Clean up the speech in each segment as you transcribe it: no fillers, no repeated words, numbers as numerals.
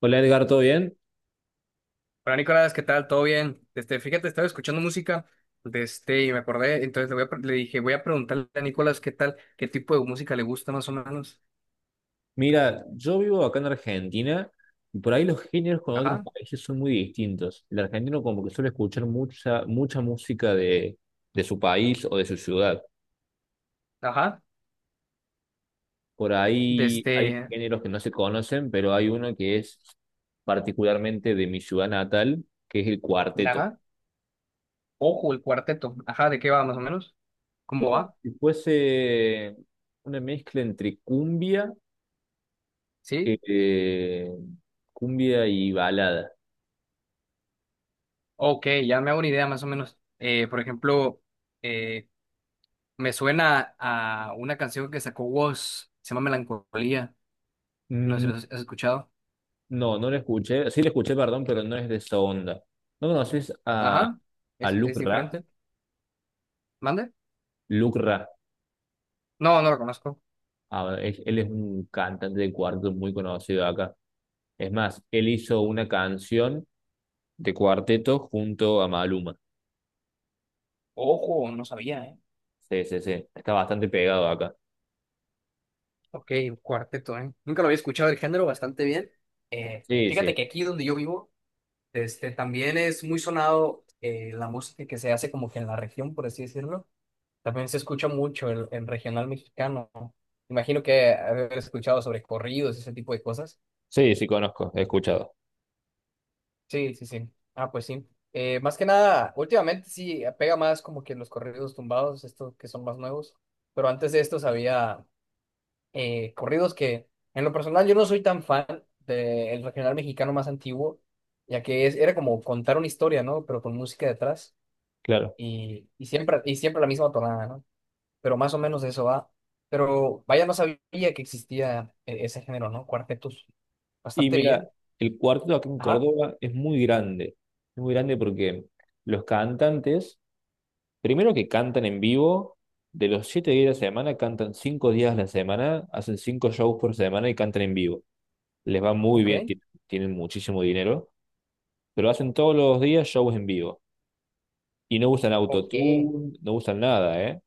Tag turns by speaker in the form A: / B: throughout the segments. A: Hola Edgar, ¿todo bien?
B: Hola Nicolás, ¿qué tal? ¿Todo bien? Fíjate, estaba escuchando música, y me acordé, entonces voy a le dije, voy a preguntarle a Nicolás qué tal, qué tipo de música le gusta más o menos.
A: Mira, yo vivo acá en Argentina y por ahí los géneros con otros
B: Ajá,
A: países son muy distintos. El argentino como que suele escuchar mucha, mucha música de su país o de su ciudad.
B: ajá,
A: Por
B: de
A: ahí hay
B: este,
A: géneros que no se conocen, pero hay uno que es particularmente de mi ciudad natal, que es el cuarteto.
B: ajá, ojo, el cuarteto, ajá, ¿de qué va más o menos?
A: Es
B: ¿Cómo
A: como
B: va?
A: si fuese una mezcla entre
B: ¿Sí?
A: eh, cumbia y balada.
B: Ok, ya me hago una idea más o menos. Por ejemplo, eh, me suena a una canción que sacó Woz, se llama Melancolía, no sé si lo has escuchado.
A: No, no le escuché. Sí le escuché, perdón, pero no es de esa onda. ¿No conoces a,
B: Ajá,
A: a Luc
B: es
A: Ra?
B: diferente. ¿Mande?
A: Luc Ra.
B: No, no lo conozco.
A: Ah, él es un cantante de cuarteto muy conocido acá. Es más, él hizo una canción de cuarteto junto a Maluma.
B: Ojo, no sabía, ¿eh?
A: Sí, sí, sí. Está bastante pegado acá.
B: Ok, un cuarteto, ¿eh? Nunca lo había escuchado el género bastante bien.
A: Sí,
B: Fíjate
A: sí.
B: que aquí donde yo vivo, también es muy sonado la música que se hace como que en la región, por así decirlo. También se escucha mucho el regional mexicano. Imagino que haber escuchado sobre corridos, ese tipo de cosas.
A: Sí, sí, conozco. He escuchado.
B: Sí, sí, sí. Ah, pues sí. Más que nada, últimamente sí pega más como que los corridos tumbados, estos que son más nuevos. Pero antes de esto había, corridos que en lo personal yo no soy tan fan del regional mexicano más antiguo, ya que era como contar una historia, ¿no? Pero con música detrás
A: Claro.
B: y siempre la misma tonada, ¿no? Pero más o menos de eso va. Pero vaya, no sabía que existía ese género, ¿no? Cuartetos.
A: Y
B: Bastante
A: mira,
B: bien.
A: el cuarteto aquí en
B: Ajá,
A: Córdoba es muy grande. Es muy grande porque los cantantes primero que cantan en vivo, de los 7 días de la semana, cantan 5 días a la semana, hacen cinco shows por semana y cantan en vivo. Les va muy
B: ok,
A: bien, tienen muchísimo dinero, pero hacen todos los días shows en vivo. Y no usan
B: ok.
A: autotune, no usan nada, ¿eh?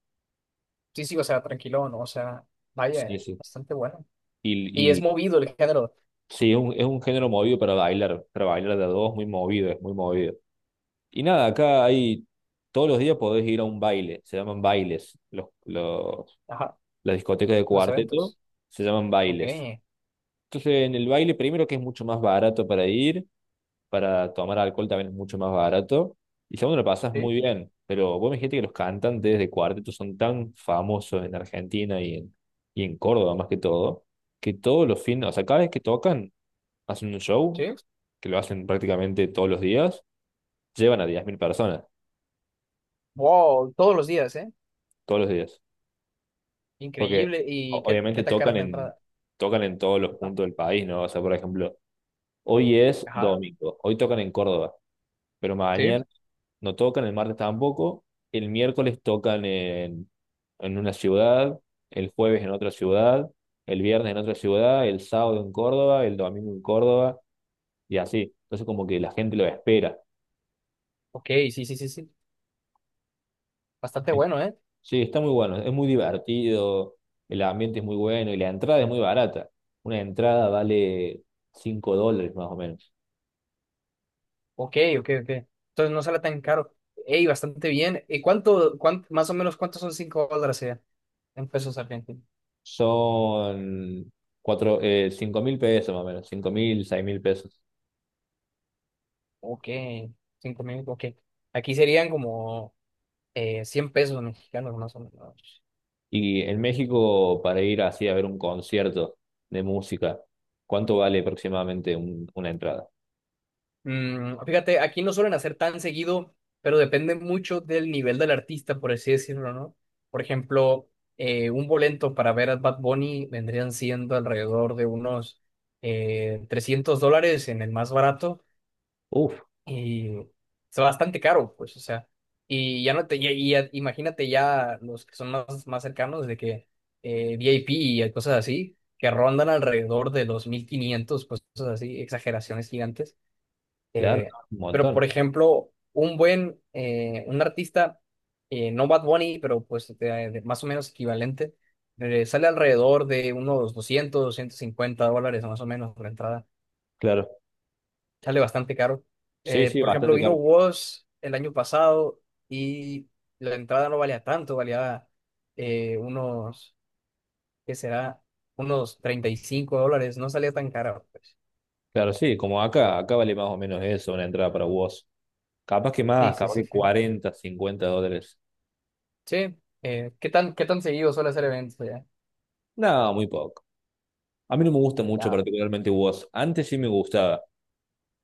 B: Sí, sí, o sea, tranquilo, ¿no? O sea,
A: Sí,
B: vaya,
A: sí.
B: bastante bueno.
A: Y,
B: Y es
A: y
B: movido el género.
A: sí, es un género movido para bailar de a dos, muy movido, es muy movido. Y nada, acá hay, todos los días podés ir a un baile, se llaman bailes,
B: Ajá,
A: las discotecas de
B: los
A: cuarteto
B: eventos.
A: se llaman
B: Ok,
A: bailes. Entonces, en el baile, primero que es mucho más barato para ir, para tomar alcohol también es mucho más barato. Y segundo, lo pasas muy
B: sí,
A: bien. Pero vos me dijiste que los cantantes de cuarteto son tan famosos en Argentina y en Córdoba más que todo, que todos los fines, o sea, cada vez que tocan, hacen un show,
B: sí.
A: que lo hacen prácticamente todos los días, llevan a 10.000 personas,
B: Wow, todos los días, ¿eh?
A: todos los días. Porque
B: Increíble. ¿Y
A: obviamente
B: qué tan cara
A: tocan
B: es la
A: en,
B: entrada?
A: tocan en todos los
B: Ah,
A: puntos del país, ¿no? O sea, por ejemplo, hoy es
B: ajá.
A: domingo, hoy tocan en Córdoba. Pero
B: Sí.
A: mañana no tocan, el martes tampoco, el miércoles tocan en una ciudad, el jueves en otra ciudad, el viernes en otra ciudad, el sábado en Córdoba, el domingo en Córdoba y así. Entonces como que la gente lo espera.
B: Ok, sí, sí, sí, sí. Bastante bueno, ¿eh?
A: Sí, está muy bueno, es muy divertido, el ambiente es muy bueno y la entrada es muy barata. Una entrada vale $5 más o menos.
B: Ok, ok, ok. Entonces no sale tan caro. Ey, bastante bien. ¿Y más o menos cuántos son $5 en pesos argentinos?
A: Son 5 mil pesos más o menos, 5.000, 6.000 pesos.
B: Ok, 5000, ok. Aquí serían como 100 pesos mexicanos, más o menos.
A: Y en México, para ir así a ver un concierto de música, ¿cuánto vale aproximadamente una entrada?
B: Fíjate, aquí no suelen hacer tan seguido, pero depende mucho del nivel del artista, por así decirlo, ¿no? Por ejemplo, un boleto para ver a Bad Bunny vendrían siendo alrededor de unos $300 en el más barato
A: Uf,
B: y es bastante caro, pues, o sea, y ya no te, ya- y ya- imagínate ya los que son más cercanos de que VIP y cosas así, que rondan alrededor de los 1500 pues, cosas así, exageraciones gigantes.
A: claro,
B: Eh,
A: un
B: pero,
A: montón.
B: por ejemplo, un artista, no Bad Bunny, pero pues de más o menos equivalente, sale alrededor de unos $250 más o menos por entrada.
A: Claro.
B: Sale bastante caro.
A: Sí, sí,
B: Por ejemplo,
A: bastante
B: vino
A: caro.
B: Woz el año pasado y la entrada no valía tanto, valía unos, ¿qué será? Unos $35, no salía tan caro, pues.
A: Claro, sí, como acá vale más o menos eso, una entrada para vos. Capaz que más,
B: Sí, sí,
A: capaz
B: sí,
A: que
B: sí.
A: 40, $50.
B: Sí, qué tan seguido suele hacer eventos
A: No, muy poco. A mí no me gusta mucho
B: allá?
A: particularmente vos. Antes sí me gustaba.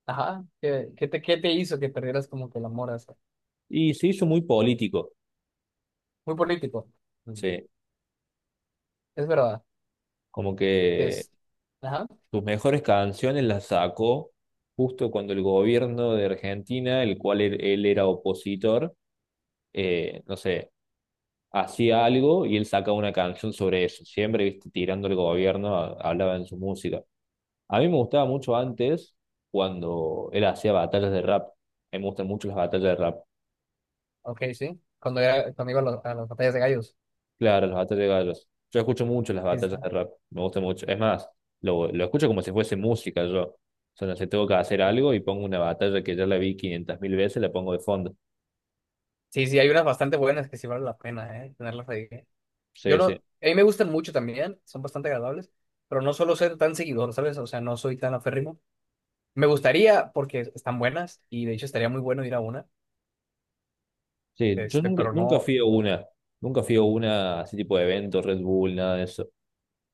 B: Ajá, qué te hizo que perdieras como que el amor a eso?
A: Y se hizo muy político,
B: Muy político. Mm.
A: sí.
B: Es verdad.
A: Como que
B: Es... Ajá,
A: sus mejores canciones las sacó justo cuando el gobierno de Argentina, el cual él era opositor, no sé, hacía algo y él sacaba una canción sobre eso. Siempre, viste, tirando el gobierno, hablaba en su música. A mí me gustaba mucho antes cuando él hacía batallas de rap. A mí me gustan mucho las batallas de rap.
B: ok, sí. Cuando iba a las batallas de gallos.
A: Claro, las batallas de gallos. Yo escucho mucho las
B: Sí, sí,
A: batallas de rap, me gusta mucho. Es más, lo escucho como si fuese música yo. O sea, no sé, tengo que hacer algo y pongo una batalla que ya la vi 500 mil veces, la pongo de fondo.
B: sí, sí, hay unas bastante buenas que sí vale la pena, ¿eh? Tenerlas ahí. ¿Eh? Yo
A: Sí, sí.
B: lo... A mí me gustan mucho también, son bastante agradables, pero no suelo ser tan seguidor, ¿sabes? O sea, no soy tan aférrimo. Me gustaría porque están buenas y de hecho estaría muy bueno ir a una,
A: Sí, yo
B: pero no.
A: nunca fui a una, así tipo de evento, Red Bull, nada de eso.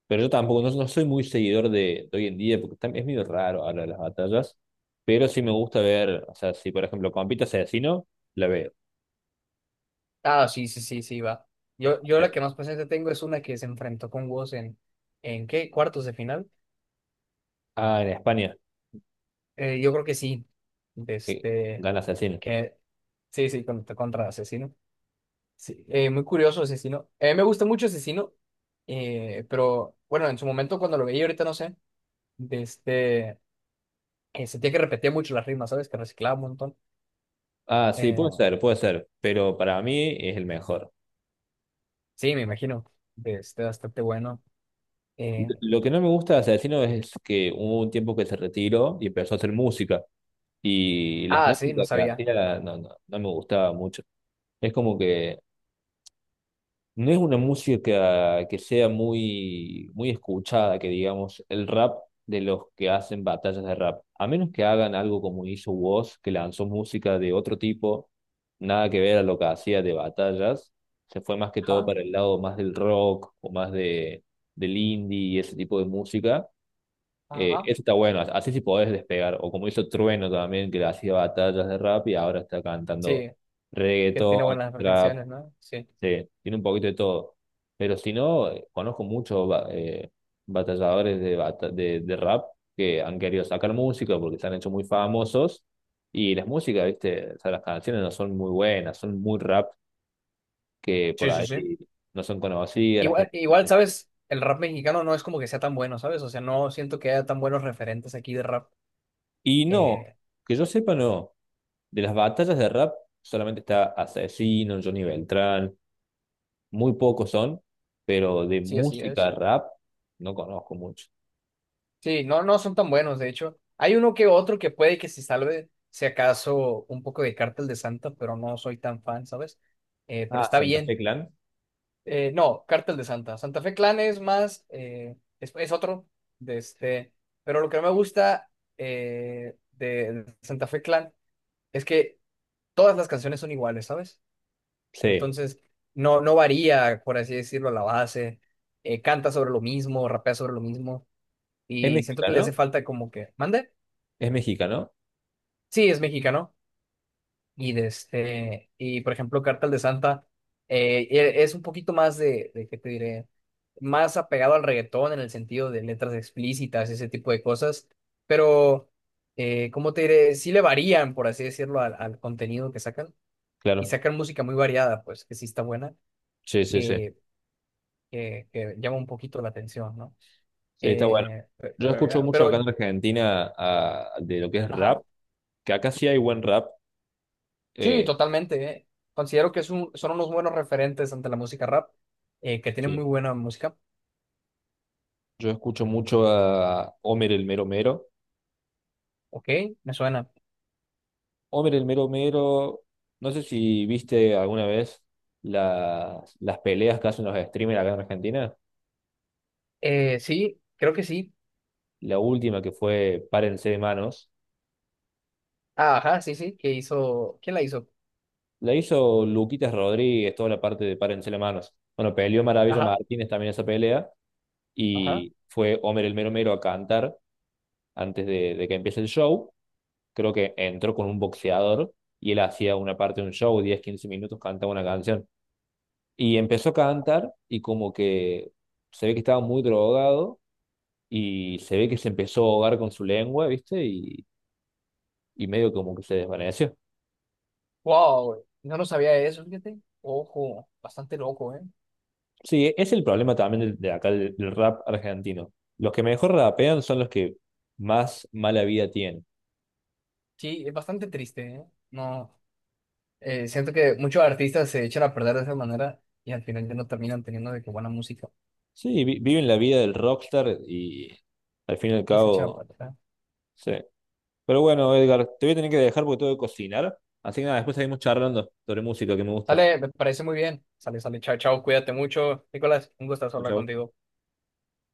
A: Pero yo tampoco, no, no soy muy seguidor de hoy en día, porque es medio raro hablar de las batallas, pero sí me gusta ver, o sea, si por ejemplo compite Asesino, la veo.
B: Ah, sí, sí, sí, sí, va. Yo la
A: Eh,
B: que más presente tengo es una que se enfrentó con Woz ¿en qué? ¿Cuartos de final?
A: Ah, en España,
B: Yo creo que sí. de
A: que
B: Este,
A: gana Asesino.
B: que, sí, sí, contra Asesino. Sí, muy curioso Asesino. A mí me gusta mucho Asesino, pero bueno, en su momento cuando lo veía, ahorita no sé, de este, sentía que repetía mucho las rimas, ¿sabes? Que reciclaba un montón.
A: Ah, sí,
B: Eh,
A: puede ser, pero para mí es el mejor.
B: sí, me imagino, bastante bueno. Eh,
A: Lo que no me gusta de Asesino es que hubo un tiempo que se retiró y empezó a hacer música, y las
B: ah, sí, no
A: músicas que
B: sabía.
A: hacía no, no, no me gustaba mucho. Es como que no es una música que sea muy, muy escuchada, que digamos, el rap de los que hacen batallas de rap. A menos que hagan algo como hizo Woz, que lanzó música de otro tipo, nada que ver a lo que hacía de batallas. Se fue más que todo
B: Ajá,
A: para el lado más del rock o más del indie y ese tipo de música.
B: ajá.
A: Eso está bueno, así sí podés despegar. O como hizo Trueno también, que hacía batallas de rap y ahora está cantando
B: Sí, que tiene
A: reggaetón,
B: buenas
A: trap.
B: canciones, ¿no? Sí.
A: Sí, tiene un poquito de todo. Pero si no, conozco muchos batalladores de rap que han querido sacar música porque se han hecho muy famosos. Y las músicas, ¿viste? O sea, las canciones no son muy buenas, son muy rap que por
B: Sí, sí,
A: ahí
B: sí.
A: no son conocidas. La
B: Igual,
A: gente...
B: igual, ¿sabes? El rap mexicano no es como que sea tan bueno, ¿sabes? O sea, no siento que haya tan buenos referentes aquí de rap.
A: Y no,
B: Eh,
A: que yo sepa, no. De las batallas de rap solamente está Asesino, Johnny Beltrán, muy pocos son, pero de
B: sí, así
A: música
B: es.
A: rap no conozco mucho.
B: Sí, no, no son tan buenos, de hecho. Hay uno que otro que puede que se salve, si acaso, un poco de Cártel de Santa, pero no soy tan fan, ¿sabes? Pero
A: Ah,
B: está
A: Santa Fe
B: bien.
A: Clan.
B: No, Cártel de Santa. Santa Fe Clan es más, es otro de este. Pero lo que no me gusta de Santa Fe Clan es que todas las canciones son iguales, ¿sabes?
A: Sí,
B: Entonces, no, no varía, por así decirlo, la base. Canta sobre lo mismo, rapea sobre lo mismo.
A: es
B: Y siento que le hace
A: mexicano,
B: falta como que, ¿mande?
A: es mexicano,
B: Sí, es mexicano. Y por ejemplo, Cartel de Santa es un poquito más de, ¿qué te diré? Más apegado al reggaetón en el sentido de letras explícitas, ese tipo de cosas. Pero, ¿cómo te diré? Sí le varían, por así decirlo, al contenido que sacan. Y
A: claro.
B: sacan música muy variada, pues, que sí está buena.
A: Sí, sí, sí.
B: que, que llama un poquito la atención, ¿no?
A: Sí, está bueno.
B: Eh, pe-
A: Yo
B: pero,
A: escucho
B: ya-
A: mucho
B: pero,
A: acá en Argentina de lo que es
B: ajá,
A: rap, que acá sí hay buen rap.
B: sí,
A: eh,
B: totalmente. Considero que son unos buenos referentes ante la música rap, que tienen muy
A: sí.
B: buena música.
A: Yo escucho mucho a Homer el Mero Mero.
B: Ok, me suena.
A: Homer el Mero Mero, no sé si viste alguna vez las peleas que hacen los streamers acá en Argentina.
B: Sí, creo que sí.
A: La última que fue Párense de manos,
B: Ah, ajá, sí, sí, que hizo, ¿quién la hizo?
A: la hizo Luquitas Rodríguez, toda la parte de Párense de manos. Bueno, peleó Maravilla
B: Ajá,
A: Martínez también esa pelea.
B: ajá.
A: Y fue Homer el Mero Mero a cantar antes de que empiece el show. Creo que entró con un boxeador y él hacía una parte de un show, 10, 15 minutos, cantaba una canción. Y empezó a cantar y como que se ve que estaba muy drogado y se ve que se empezó a ahogar con su lengua, ¿viste? Y medio como que se desvaneció.
B: Wow, no lo sabía eso, fíjate. Ojo, bastante loco, ¿eh?
A: Sí, es el problema también acá del rap argentino. Los que mejor rapean son los que más mala vida tienen.
B: Sí, es bastante triste, ¿eh? No. Siento que muchos artistas se echan a perder de esa manera y al final ya no terminan teniendo de qué buena música
A: Sí, viven la vida del rockstar y al fin y al
B: y se echan a
A: cabo,
B: perder.
A: sí. Pero bueno, Edgar, te voy a tener que dejar porque tengo que cocinar. Así que nada, después seguimos charlando sobre música que me gusta.
B: Dale, me parece muy bien. Sale, sale, chao, chao, cuídate mucho. Nicolás, un gusto
A: Chau,
B: hablar
A: chau.
B: contigo.